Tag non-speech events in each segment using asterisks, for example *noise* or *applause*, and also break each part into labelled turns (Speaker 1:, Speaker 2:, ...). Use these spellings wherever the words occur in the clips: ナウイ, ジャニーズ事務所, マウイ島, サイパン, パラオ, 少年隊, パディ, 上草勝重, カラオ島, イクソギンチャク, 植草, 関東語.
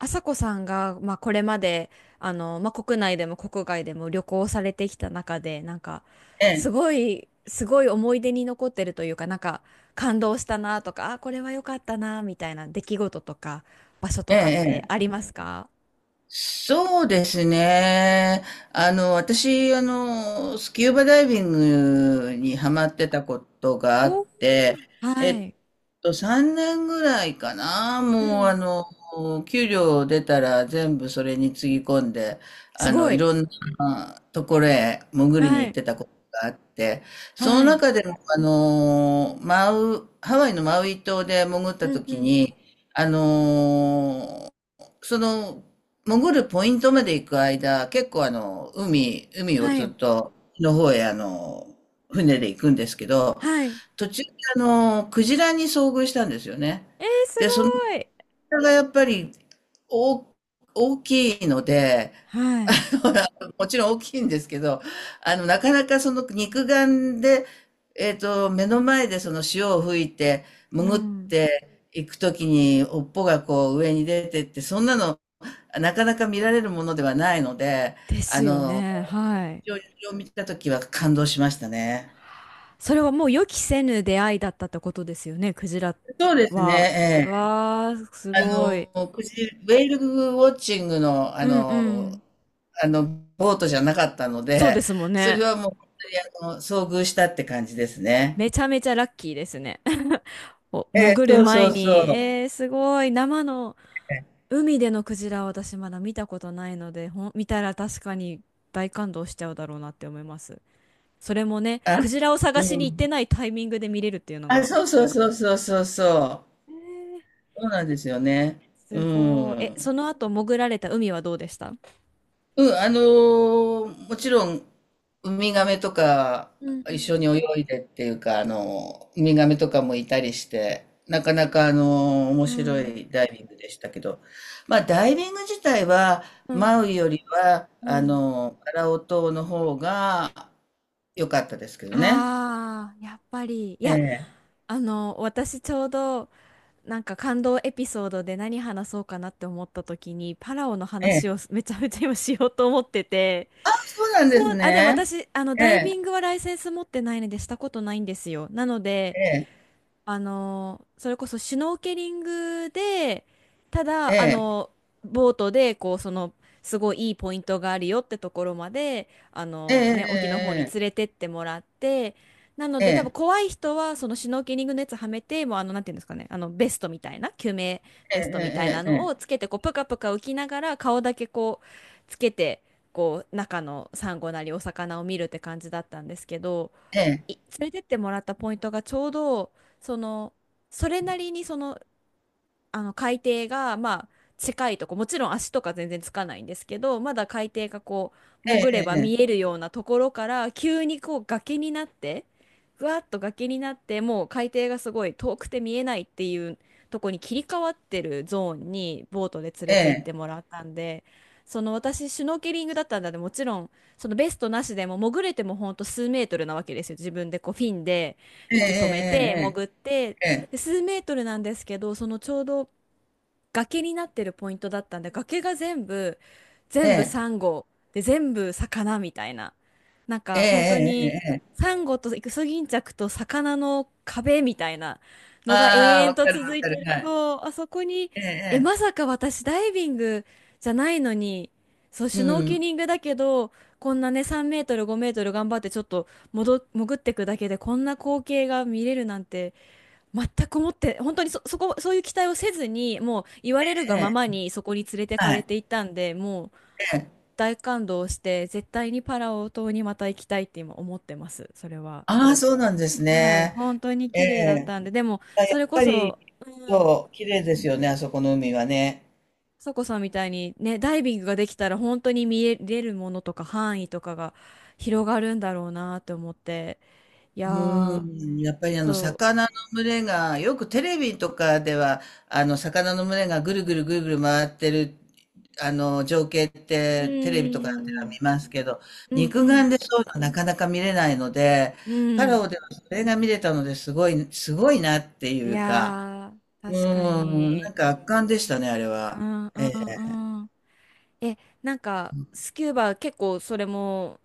Speaker 1: 朝子さんが、まあ、これまでまあ、国内でも国外でも旅行されてきた中で、なんか
Speaker 2: え
Speaker 1: す
Speaker 2: え、
Speaker 1: ごいすごい思い出に残ってるというか、なんか感動したなとか、あ、これは良かったなみたいな出来事とか場所と
Speaker 2: え
Speaker 1: かって
Speaker 2: え、え
Speaker 1: あ
Speaker 2: え、
Speaker 1: りますか？
Speaker 2: そうですね。私、スキューバダイビングにハマってたことがあっ
Speaker 1: お、
Speaker 2: て、え
Speaker 1: は
Speaker 2: っ
Speaker 1: い。
Speaker 2: 3年ぐらいかな。
Speaker 1: う
Speaker 2: もう、
Speaker 1: ん。
Speaker 2: 給料出たら全部それにつぎ込んで、
Speaker 1: すご
Speaker 2: い
Speaker 1: い。
Speaker 2: ろんなところへ潜りに
Speaker 1: は
Speaker 2: 行っ
Speaker 1: い。
Speaker 2: てたことがあって、その
Speaker 1: はい。
Speaker 2: 中でも、ハワイのマウイ島で潜っ
Speaker 1: う
Speaker 2: た
Speaker 1: んう
Speaker 2: 時
Speaker 1: ん。
Speaker 2: に、あのその、潜るポイントまで行く間、結構海を
Speaker 1: は
Speaker 2: ずっ
Speaker 1: い。
Speaker 2: との方へ船で行くんですけど、
Speaker 1: はい。え
Speaker 2: 途中でクジラに遭遇したんですよね。
Speaker 1: ー、す
Speaker 2: で、そのク
Speaker 1: ごい。
Speaker 2: れがやっぱりお大きいので、
Speaker 1: は
Speaker 2: あ
Speaker 1: い。
Speaker 2: もちろん大きいんですけど、なかなかその肉眼で、目の前でその潮を吹いて、
Speaker 1: う
Speaker 2: 潜っ
Speaker 1: ん。
Speaker 2: ていくときに、尾っぽがこう上に出てって、そんなの、なかなか見られるものではないので、
Speaker 1: です
Speaker 2: あ
Speaker 1: よ
Speaker 2: の、
Speaker 1: ね。はい。
Speaker 2: 非常にそれを見たときは感動しましたね。
Speaker 1: それはもう予期せぬ出会いだったってことですよね、クジラ
Speaker 2: そうですね、
Speaker 1: は。
Speaker 2: ええ。
Speaker 1: わー、すごい。
Speaker 2: ウェールウォッチングの、
Speaker 1: うんうん。
Speaker 2: あの、ボートじゃなかったの
Speaker 1: そうで
Speaker 2: で、
Speaker 1: すもん
Speaker 2: そ
Speaker 1: ね。
Speaker 2: れはもう本当に遭遇したって感じですね。
Speaker 1: めちゃめちゃラッキーですね。*laughs* お
Speaker 2: ええ、
Speaker 1: 潜る
Speaker 2: そうそ
Speaker 1: 前
Speaker 2: う
Speaker 1: に、
Speaker 2: そう。
Speaker 1: えー、すごい。生の海でのクジラは私まだ見たことないので、見たら確かに大感動しちゃうだろうなって思います。それもね、
Speaker 2: あ、
Speaker 1: クジラを
Speaker 2: う
Speaker 1: 探しに行って
Speaker 2: ん。
Speaker 1: ないタイミングで見れるっていうの
Speaker 2: あ、
Speaker 1: が。
Speaker 2: そうそうそうそうそうそう。
Speaker 1: えー、
Speaker 2: そうなんですよね。う
Speaker 1: すごい。え、
Speaker 2: ん。
Speaker 1: その後潜られた海はどうでした？
Speaker 2: うん、もちろんウミガメとか
Speaker 1: うんう
Speaker 2: 一
Speaker 1: ん。
Speaker 2: 緒に泳いでっていうかウミガメとかもいたりしてなかなか面
Speaker 1: う
Speaker 2: 白
Speaker 1: ん、
Speaker 2: いダイビングでしたけど、まあダイビング自体は
Speaker 1: うん、
Speaker 2: マウイよりは
Speaker 1: うん。
Speaker 2: カラオ島の方が良かったですけどね。
Speaker 1: ああ、やっぱり。いや、
Speaker 2: え
Speaker 1: あの、私ちょうど、なんか感動エピソードで何話そうかなって思った時に、パラオの
Speaker 2: え、
Speaker 1: 話を *laughs* めちゃめちゃ今しようと思ってて。
Speaker 2: そうなん
Speaker 1: そ
Speaker 2: です
Speaker 1: う、あ、でも
Speaker 2: ね。
Speaker 1: 私、あの、
Speaker 2: え
Speaker 1: ダイビン
Speaker 2: え
Speaker 1: グはライセンス持ってないのでしたことないんですよ。なので、
Speaker 2: え
Speaker 1: あのそれこそシュノーケリングで、ただあ
Speaker 2: え
Speaker 1: のボートでこう、その、すごいいいポイントがあるよってところまで、あ
Speaker 2: え
Speaker 1: の、ね、沖の方に
Speaker 2: え
Speaker 1: 連
Speaker 2: ええ
Speaker 1: れてってもらって、なの
Speaker 2: え
Speaker 1: で多分
Speaker 2: え
Speaker 1: 怖い人はそのシュノーケリングのやつはめて、もうあのなんていうんですかね、あのベストみたいな救命ベストみたいな
Speaker 2: ええ
Speaker 1: のをつけてこうプカプカ浮きながら、顔だけこうつけて、こう中のサンゴなりお魚を見るって感じだったんですけど。
Speaker 2: ええええ
Speaker 1: 連れてってもらったポイントがちょうど、その、それなりにその、あの海底がまあ近いとこ、もちろん足とか全然つかないんですけど、まだ海底がこう潜れば
Speaker 2: え
Speaker 1: 見え
Speaker 2: え
Speaker 1: るようなところから、急にこう崖になって、ふわっと崖になって、もう海底がすごい遠くて見えないっていうとこに切り替わってるゾーンにボートで連れて行っ
Speaker 2: え
Speaker 1: て
Speaker 2: え
Speaker 1: もらったんで、その、私シュノーケリングだったんだで、もちろんそのベストなしでも潜れても、ほんと数メートルなわけですよ、自分でこうフィンで
Speaker 2: え
Speaker 1: 息止めて
Speaker 2: え
Speaker 1: 潜って、
Speaker 2: ええ
Speaker 1: で
Speaker 2: え
Speaker 1: 数メートルなんですけど、そのちょうど崖になってるポイントだったんで、崖が全部、
Speaker 2: え
Speaker 1: 全部サ
Speaker 2: ええ
Speaker 1: ンゴで、全部魚みたいな、なん
Speaker 2: ええ
Speaker 1: か本当
Speaker 2: えええ
Speaker 1: に
Speaker 2: ええええ。
Speaker 1: サンゴとイクソギンチャクと魚の壁みたいなのが永
Speaker 2: ああ、
Speaker 1: 遠
Speaker 2: わか
Speaker 1: と
Speaker 2: る
Speaker 1: 続
Speaker 2: わ
Speaker 1: い
Speaker 2: か
Speaker 1: て
Speaker 2: る。
Speaker 1: る。
Speaker 2: はい。
Speaker 1: そうあそこに、
Speaker 2: え
Speaker 1: え、
Speaker 2: ええ
Speaker 1: まさ
Speaker 2: え、
Speaker 1: か私ダイビングじゃないのに、そう
Speaker 2: う
Speaker 1: シュノーケ
Speaker 2: ん。
Speaker 1: リングだけど、こんなね3メートル5メートル頑張ってちょっと戻潜ってくだけでこんな光景が見れるなんて全く思って、本当にそういう期待をせずに、もう言われる
Speaker 2: え
Speaker 1: がま
Speaker 2: え、
Speaker 1: まにそこに連れてか
Speaker 2: は
Speaker 1: れ
Speaker 2: い。
Speaker 1: ていったんで、もう
Speaker 2: ええ、
Speaker 1: 大感動して、絶対にパラオ島にまた行きたいって今思ってます、それは。
Speaker 2: ああ、そうなんです
Speaker 1: はい、
Speaker 2: ね。
Speaker 1: 本当に
Speaker 2: え
Speaker 1: 綺麗だっ
Speaker 2: え、
Speaker 1: たんで、でも、
Speaker 2: あ、や
Speaker 1: そ
Speaker 2: っ
Speaker 1: れこ
Speaker 2: ぱり、
Speaker 1: そ、うん、
Speaker 2: そう、綺麗ですよね、あそこの海はね。
Speaker 1: そこさんみたいにね、ダイビングができたら本当に見えれるものとか範囲とかが広がるんだろうなって思って、いや
Speaker 2: うー
Speaker 1: ー、
Speaker 2: ん、やっぱりあの
Speaker 1: そ
Speaker 2: 魚の群れが、よくテレビとかでは、あの魚の群れがぐるぐるぐるぐる回ってる、あの情景っ
Speaker 1: う、う
Speaker 2: てテレビとかでは
Speaker 1: ん、
Speaker 2: 見ますけど、
Speaker 1: うん、う
Speaker 2: 肉
Speaker 1: ん、
Speaker 2: 眼でそういうのなかなか見れないので、
Speaker 1: う
Speaker 2: パ
Speaker 1: ん。う
Speaker 2: ラオ
Speaker 1: ん、
Speaker 2: ではそれが見れたのですごい、すごいなって
Speaker 1: い
Speaker 2: いうか、
Speaker 1: やー、
Speaker 2: う
Speaker 1: 確か
Speaker 2: ーん、なん
Speaker 1: に。
Speaker 2: か圧巻でしたね、あれは。
Speaker 1: うんうんうん。え、なんか、スキューバ結構それも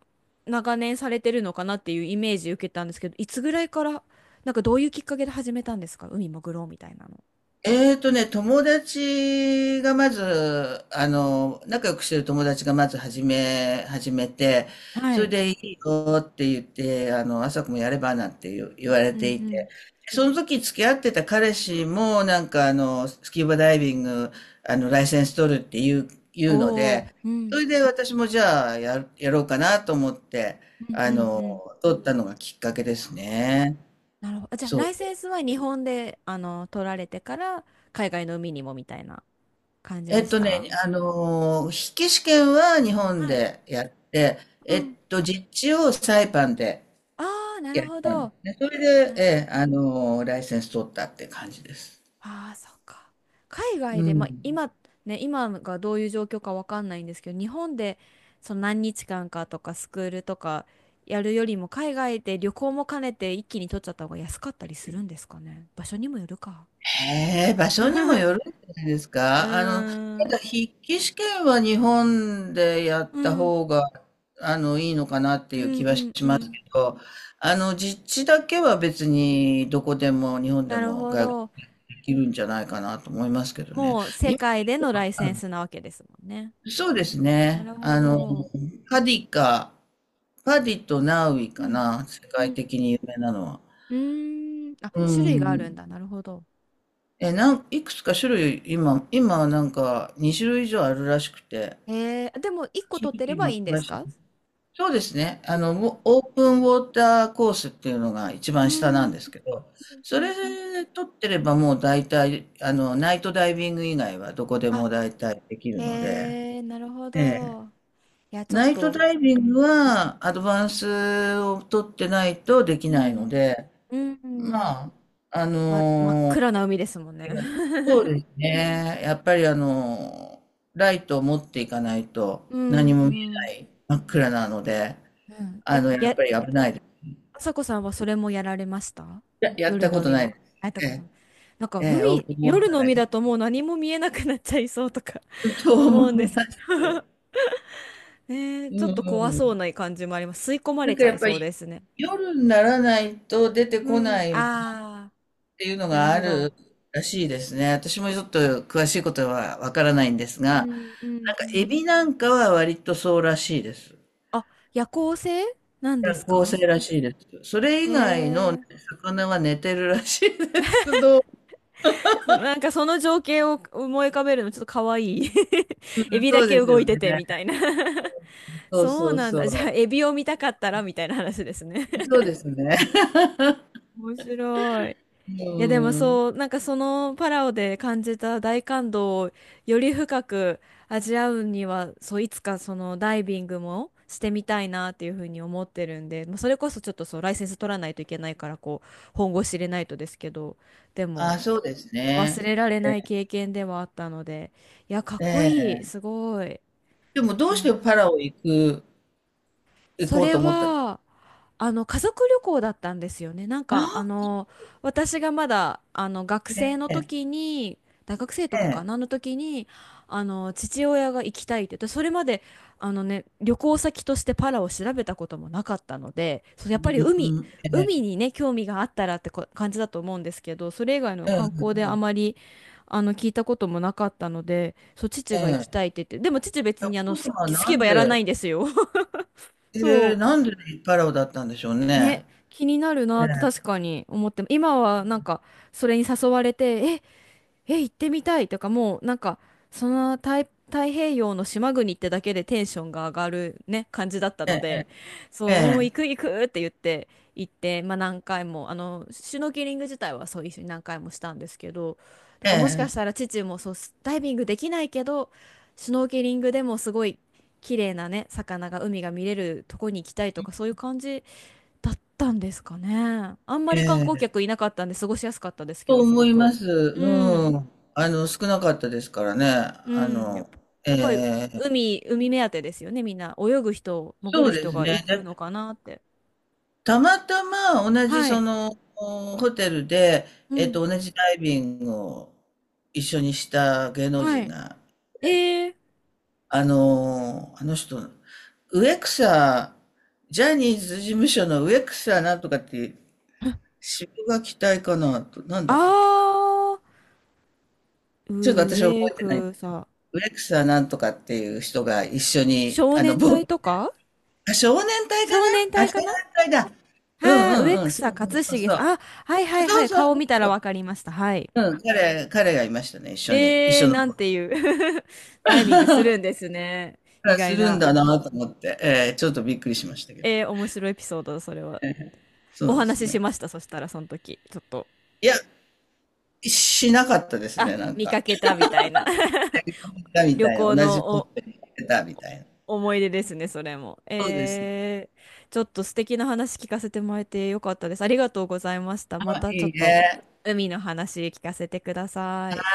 Speaker 1: 長年されてるのかなっていうイメージ受けたんですけど、いつぐらいから、なんかどういうきっかけで始めたんですか、海潜ろうみたいなの。
Speaker 2: 友達がまず、仲良くしてる友達がまず始めて、
Speaker 1: は
Speaker 2: それ
Speaker 1: い。
Speaker 2: でいいよって言って、朝子もやればなんて言う言われ
Speaker 1: うんう
Speaker 2: てい
Speaker 1: ん。
Speaker 2: て、その時付き合ってた彼氏も、なんかスキューバダイビング、ライセンス取るっていう、言うの
Speaker 1: お、お、
Speaker 2: で、
Speaker 1: う
Speaker 2: そ
Speaker 1: ん。
Speaker 2: れで私もじゃあやろうかなと思って、
Speaker 1: うん
Speaker 2: あ
Speaker 1: うんう
Speaker 2: の、
Speaker 1: ん。
Speaker 2: 取ったのがきっかけですね。
Speaker 1: なるほど。あ、じゃあ、
Speaker 2: そ
Speaker 1: ラ
Speaker 2: う。
Speaker 1: イセンスは日本で、あの、取られてから、海外の海にもみたいな感じ
Speaker 2: え
Speaker 1: で
Speaker 2: っ
Speaker 1: し
Speaker 2: とね、
Speaker 1: た？
Speaker 2: 筆記試験は日本
Speaker 1: はい。
Speaker 2: でやって、
Speaker 1: うん。
Speaker 2: 実地をサイパンで
Speaker 1: ああー、な
Speaker 2: や
Speaker 1: る
Speaker 2: っ
Speaker 1: ほ
Speaker 2: たんで
Speaker 1: ど。
Speaker 2: すね。それで、え
Speaker 1: な
Speaker 2: え、ライセンス取ったって感じです。
Speaker 1: ああ、そっか。海
Speaker 2: う
Speaker 1: 外で、まあ、
Speaker 2: ん。
Speaker 1: 今、ね、今がどういう状況かわかんないんですけど、日本でその何日間かとかスクールとかやるよりも、海外で旅行も兼ねて一気に取っちゃった方が安かったりするんですかね。場所にもよるか。
Speaker 2: へえ、場所にもよる
Speaker 1: *laughs*
Speaker 2: んじゃないです
Speaker 1: う
Speaker 2: か。
Speaker 1: ー
Speaker 2: た
Speaker 1: ん。
Speaker 2: だ筆記試験は日本でやっ
Speaker 1: う
Speaker 2: た
Speaker 1: ん。
Speaker 2: 方が、いいのかなって
Speaker 1: う
Speaker 2: いう
Speaker 1: ん
Speaker 2: 気
Speaker 1: う
Speaker 2: はし
Speaker 1: んう
Speaker 2: ます
Speaker 1: ん。
Speaker 2: けど、実地だけは別にどこでも日本で
Speaker 1: なる
Speaker 2: も
Speaker 1: ほ
Speaker 2: 外国
Speaker 1: ど。
Speaker 2: できるんじゃないかなと思いますけどね。
Speaker 1: もう世界でのライセ
Speaker 2: あ、
Speaker 1: ンスなわけですもんね。
Speaker 2: そうです
Speaker 1: な
Speaker 2: ね。
Speaker 1: るほど。
Speaker 2: パディか、パディとナウイ
Speaker 1: う
Speaker 2: か
Speaker 1: ん。
Speaker 2: な、世
Speaker 1: う
Speaker 2: 界
Speaker 1: ん。
Speaker 2: 的に有名なのは。
Speaker 1: うーん。あ、
Speaker 2: う
Speaker 1: 種類があるん
Speaker 2: ん。
Speaker 1: だ。なるほど。
Speaker 2: え、いくつか種類、今なんか2種類以上あるらしくて、
Speaker 1: えー、でも1個
Speaker 2: 正
Speaker 1: 取っ
Speaker 2: 直
Speaker 1: てれ
Speaker 2: 今
Speaker 1: ばいいんで
Speaker 2: 詳
Speaker 1: す
Speaker 2: しい。
Speaker 1: か？
Speaker 2: そうですね。ウォオープンウォーターコースっていうのが一
Speaker 1: うー
Speaker 2: 番下な
Speaker 1: ん、う
Speaker 2: ん
Speaker 1: ん
Speaker 2: ですけど、そ
Speaker 1: う
Speaker 2: れ
Speaker 1: んうん、
Speaker 2: 取ってればもう大体、ナイトダイビング以外はどこで
Speaker 1: あ、
Speaker 2: も大体できるので、
Speaker 1: えー、なるほ
Speaker 2: ええ、
Speaker 1: ど。いや、ちょっ
Speaker 2: ナイト
Speaker 1: と、
Speaker 2: ダイ
Speaker 1: う
Speaker 2: ビング
Speaker 1: ん、
Speaker 2: はアドバンスを取ってないとでき
Speaker 1: う
Speaker 2: ないの
Speaker 1: ん、
Speaker 2: で、
Speaker 1: うん、
Speaker 2: まあ、あ
Speaker 1: ま、真っ
Speaker 2: の
Speaker 1: 暗
Speaker 2: ー
Speaker 1: な海ですもんね。
Speaker 2: そう
Speaker 1: *laughs*
Speaker 2: ですね。やっぱりライトを持っていかないと
Speaker 1: うん、
Speaker 2: 何
Speaker 1: う
Speaker 2: も見えな
Speaker 1: ん。
Speaker 2: い真っ暗なので、
Speaker 1: うん。え、
Speaker 2: やっ
Speaker 1: や、
Speaker 2: ぱり危ないです。
Speaker 1: あさこさんはそれもやられました？
Speaker 2: や、やっ
Speaker 1: 夜
Speaker 2: た
Speaker 1: の
Speaker 2: こと
Speaker 1: 海
Speaker 2: ない
Speaker 1: も。
Speaker 2: です。
Speaker 1: あった
Speaker 2: え
Speaker 1: ことも。なんか
Speaker 2: え、ええ、オー
Speaker 1: 海、
Speaker 2: プンウォー
Speaker 1: 夜
Speaker 2: ター
Speaker 1: の
Speaker 2: だ
Speaker 1: 海
Speaker 2: け
Speaker 1: だともう何も見えなくなっちゃいそうとか
Speaker 2: *laughs* と
Speaker 1: *laughs* 思うん
Speaker 2: 思
Speaker 1: で
Speaker 2: い
Speaker 1: す
Speaker 2: ま
Speaker 1: け
Speaker 2: す。
Speaker 1: ど。 *laughs* ねえ、
Speaker 2: う
Speaker 1: ちょ
Speaker 2: ん
Speaker 1: っ
Speaker 2: う
Speaker 1: と怖そう
Speaker 2: ん。
Speaker 1: な感じもあります。吸い込ま
Speaker 2: な
Speaker 1: れ
Speaker 2: ん
Speaker 1: ち
Speaker 2: か
Speaker 1: ゃ
Speaker 2: やっ
Speaker 1: い
Speaker 2: ぱ
Speaker 1: そう
Speaker 2: り
Speaker 1: ですね。
Speaker 2: 夜にならないと出てこ
Speaker 1: うん。
Speaker 2: ない
Speaker 1: ああ、
Speaker 2: っていうの
Speaker 1: なる
Speaker 2: があ
Speaker 1: ほ
Speaker 2: る
Speaker 1: ど。
Speaker 2: らしいですね。私もちょっと詳しいことはわからないんですが、
Speaker 1: う
Speaker 2: なんか
Speaker 1: んうんう
Speaker 2: エ
Speaker 1: ん。
Speaker 2: ビなんかは割とそうらしいです。
Speaker 1: あ、夜行性なんで
Speaker 2: 夜
Speaker 1: す
Speaker 2: 行性
Speaker 1: か？
Speaker 2: らしいです。それ以外のね
Speaker 1: ええ、
Speaker 2: 魚は寝てるらしいです。*laughs*
Speaker 1: そ、なんかその情景を思い浮かべるのちょっと可愛い。 *laughs* エビ
Speaker 2: そ
Speaker 1: だ
Speaker 2: う
Speaker 1: け
Speaker 2: です
Speaker 1: 動
Speaker 2: よ
Speaker 1: いて
Speaker 2: ね。
Speaker 1: てみたいな。 *laughs*
Speaker 2: そう
Speaker 1: そう
Speaker 2: そう
Speaker 1: なん
Speaker 2: そ
Speaker 1: だ。じゃあ
Speaker 2: う。
Speaker 1: エビを見たかったらみたいな話ですね。
Speaker 2: そうですね。
Speaker 1: *laughs* 面白い。
Speaker 2: う
Speaker 1: いやでも
Speaker 2: ん。
Speaker 1: そう、なんかそのパラオで感じた大感動をより深く味わうには、そう、いつかそのダイビングもしてみたいなっていうふうに思ってるんで、まあ、それこそちょっと、そう、ライセンス取らないといけないからこう本腰入れないとですけど、でも
Speaker 2: あ、そうです
Speaker 1: 忘
Speaker 2: ね。
Speaker 1: れられない経験ではあったので、いや、かっ
Speaker 2: え
Speaker 1: こいい、す
Speaker 2: え。
Speaker 1: ごい。
Speaker 2: でもどうし
Speaker 1: なる
Speaker 2: てパラオ行く、行
Speaker 1: そ
Speaker 2: こう
Speaker 1: れ
Speaker 2: と思った、あ
Speaker 1: はあの家族旅行だったんですよね。なん
Speaker 2: あ、
Speaker 1: かあの私がまだあの学生
Speaker 2: え
Speaker 1: の
Speaker 2: え、
Speaker 1: 時に、大学生と
Speaker 2: え
Speaker 1: かか
Speaker 2: え、
Speaker 1: なの時に、あの父親が行きたいって言って、それまであのね、旅行先としてパラを調べたこともなかったので、そう、や
Speaker 2: う
Speaker 1: っ
Speaker 2: ん、
Speaker 1: ぱり海
Speaker 2: うん、え
Speaker 1: 海
Speaker 2: え、
Speaker 1: にね、興味があったらってこ感じだと思うんですけど、それ以外の
Speaker 2: うん、
Speaker 1: 観光で
Speaker 2: う
Speaker 1: あま
Speaker 2: ん、
Speaker 1: りあの聞いたこともなかったので、そう父
Speaker 2: え
Speaker 1: が行きた
Speaker 2: え。
Speaker 1: いって言って。でも父別
Speaker 2: いや、
Speaker 1: にあ
Speaker 2: お
Speaker 1: の
Speaker 2: 父
Speaker 1: ス
Speaker 2: 様は
Speaker 1: キスキ
Speaker 2: な
Speaker 1: ュー
Speaker 2: ん
Speaker 1: バやらない
Speaker 2: で、
Speaker 1: んですよ。*laughs*
Speaker 2: え
Speaker 1: そ
Speaker 2: ー
Speaker 1: う
Speaker 2: なんでパラオだったんでしょうね。
Speaker 1: ね、気になるな
Speaker 2: え
Speaker 1: って確かに思って、今はなんかそれに誘われて、え、行ってみたいとか、もうなんか、その太平洋の島国ってだけでテンションが上がるね、感じだったので、
Speaker 2: え、
Speaker 1: そう、もう行く行くって言って行って、まあ何回も、あの、シュノーケリング自体はそう一緒に何回もしたんですけど、だ
Speaker 2: え
Speaker 1: からもしかし
Speaker 2: え、
Speaker 1: たら父もそう、ダイビングできないけど、シュノーケリングでもすごい綺麗なね、魚が、海が見れるとこに行きたいとか、そういう感じだったんですかね。あんま
Speaker 2: え
Speaker 1: り観
Speaker 2: え、え
Speaker 1: 光客い
Speaker 2: え。
Speaker 1: なかったんで過ごしやすかったですけ
Speaker 2: と
Speaker 1: ど、すご
Speaker 2: 思いま
Speaker 1: く。
Speaker 2: す。
Speaker 1: う
Speaker 2: う
Speaker 1: ん。
Speaker 2: ん。少なかったですからね。
Speaker 1: う
Speaker 2: あ
Speaker 1: ん。やっ
Speaker 2: の、
Speaker 1: ぱ、
Speaker 2: え
Speaker 1: やっぱり
Speaker 2: え、
Speaker 1: 海目当てですよね、みんな。泳ぐ人、潜
Speaker 2: そ
Speaker 1: る
Speaker 2: うで
Speaker 1: 人
Speaker 2: す
Speaker 1: が
Speaker 2: ね。
Speaker 1: 行く
Speaker 2: で、
Speaker 1: のかなって。
Speaker 2: たまたま同じ
Speaker 1: は
Speaker 2: そ
Speaker 1: い。
Speaker 2: の、ホテルで、
Speaker 1: うん。
Speaker 2: 同じダイビングを一緒にした芸能
Speaker 1: は
Speaker 2: 人
Speaker 1: い。
Speaker 2: が、
Speaker 1: えー、
Speaker 2: あの人、植草、ジャニーズ事務所の植草なんとかって
Speaker 1: *laughs*
Speaker 2: 渋が期待かなと、なんだっ
Speaker 1: あ
Speaker 2: たっけな。ちょっと
Speaker 1: ー、
Speaker 2: 私は覚
Speaker 1: 上
Speaker 2: えてない。
Speaker 1: 草。
Speaker 2: ウレクサなんとかっていう人が一緒に、
Speaker 1: 少年
Speaker 2: ボー
Speaker 1: 隊
Speaker 2: ト、
Speaker 1: とか。
Speaker 2: あ、少年隊か
Speaker 1: 少年
Speaker 2: なあ、
Speaker 1: 隊
Speaker 2: 少
Speaker 1: か
Speaker 2: 年
Speaker 1: な？
Speaker 2: 隊だ。う
Speaker 1: はい、
Speaker 2: んう
Speaker 1: 上
Speaker 2: んうん、そう
Speaker 1: 草
Speaker 2: そう
Speaker 1: 勝
Speaker 2: そう
Speaker 1: 重
Speaker 2: そう。
Speaker 1: さん。あ、はいはいは
Speaker 2: そう
Speaker 1: い。
Speaker 2: そう
Speaker 1: 顔見たら
Speaker 2: そう。
Speaker 1: わかりました。はい。
Speaker 2: うん、彼がいましたね、一緒に。一
Speaker 1: えー、
Speaker 2: 緒の
Speaker 1: な
Speaker 2: ボ
Speaker 1: ん
Speaker 2: ー
Speaker 1: て
Speaker 2: ト。
Speaker 1: いう *laughs* ダイビングするんですね。意
Speaker 2: あ、す
Speaker 1: 外
Speaker 2: るん
Speaker 1: な。
Speaker 2: だなと思って、ちょっとびっくりしましたけど。
Speaker 1: えー、面白いエピソード、それは。
Speaker 2: そ
Speaker 1: お
Speaker 2: うです
Speaker 1: 話しし
Speaker 2: ね。
Speaker 1: ました、そしたら、その時。ちょっと。
Speaker 2: いや、しなかったです
Speaker 1: あ、
Speaker 2: ね、なん
Speaker 1: 見か
Speaker 2: か。
Speaker 1: けたみたいな。*laughs*
Speaker 2: み
Speaker 1: 旅
Speaker 2: たいな、
Speaker 1: 行
Speaker 2: 同じ
Speaker 1: の
Speaker 2: ポッ
Speaker 1: お、
Speaker 2: トに入ったみたいな。
Speaker 1: お思い出ですね、それも。
Speaker 2: そうです。
Speaker 1: えー、ちょっと素敵な話聞かせてもらえてよかったです。ありがとうございました。
Speaker 2: ま
Speaker 1: ま
Speaker 2: あ、
Speaker 1: たちょ
Speaker 2: い
Speaker 1: っ
Speaker 2: い
Speaker 1: と
Speaker 2: ね。
Speaker 1: 海の話聞かせてください。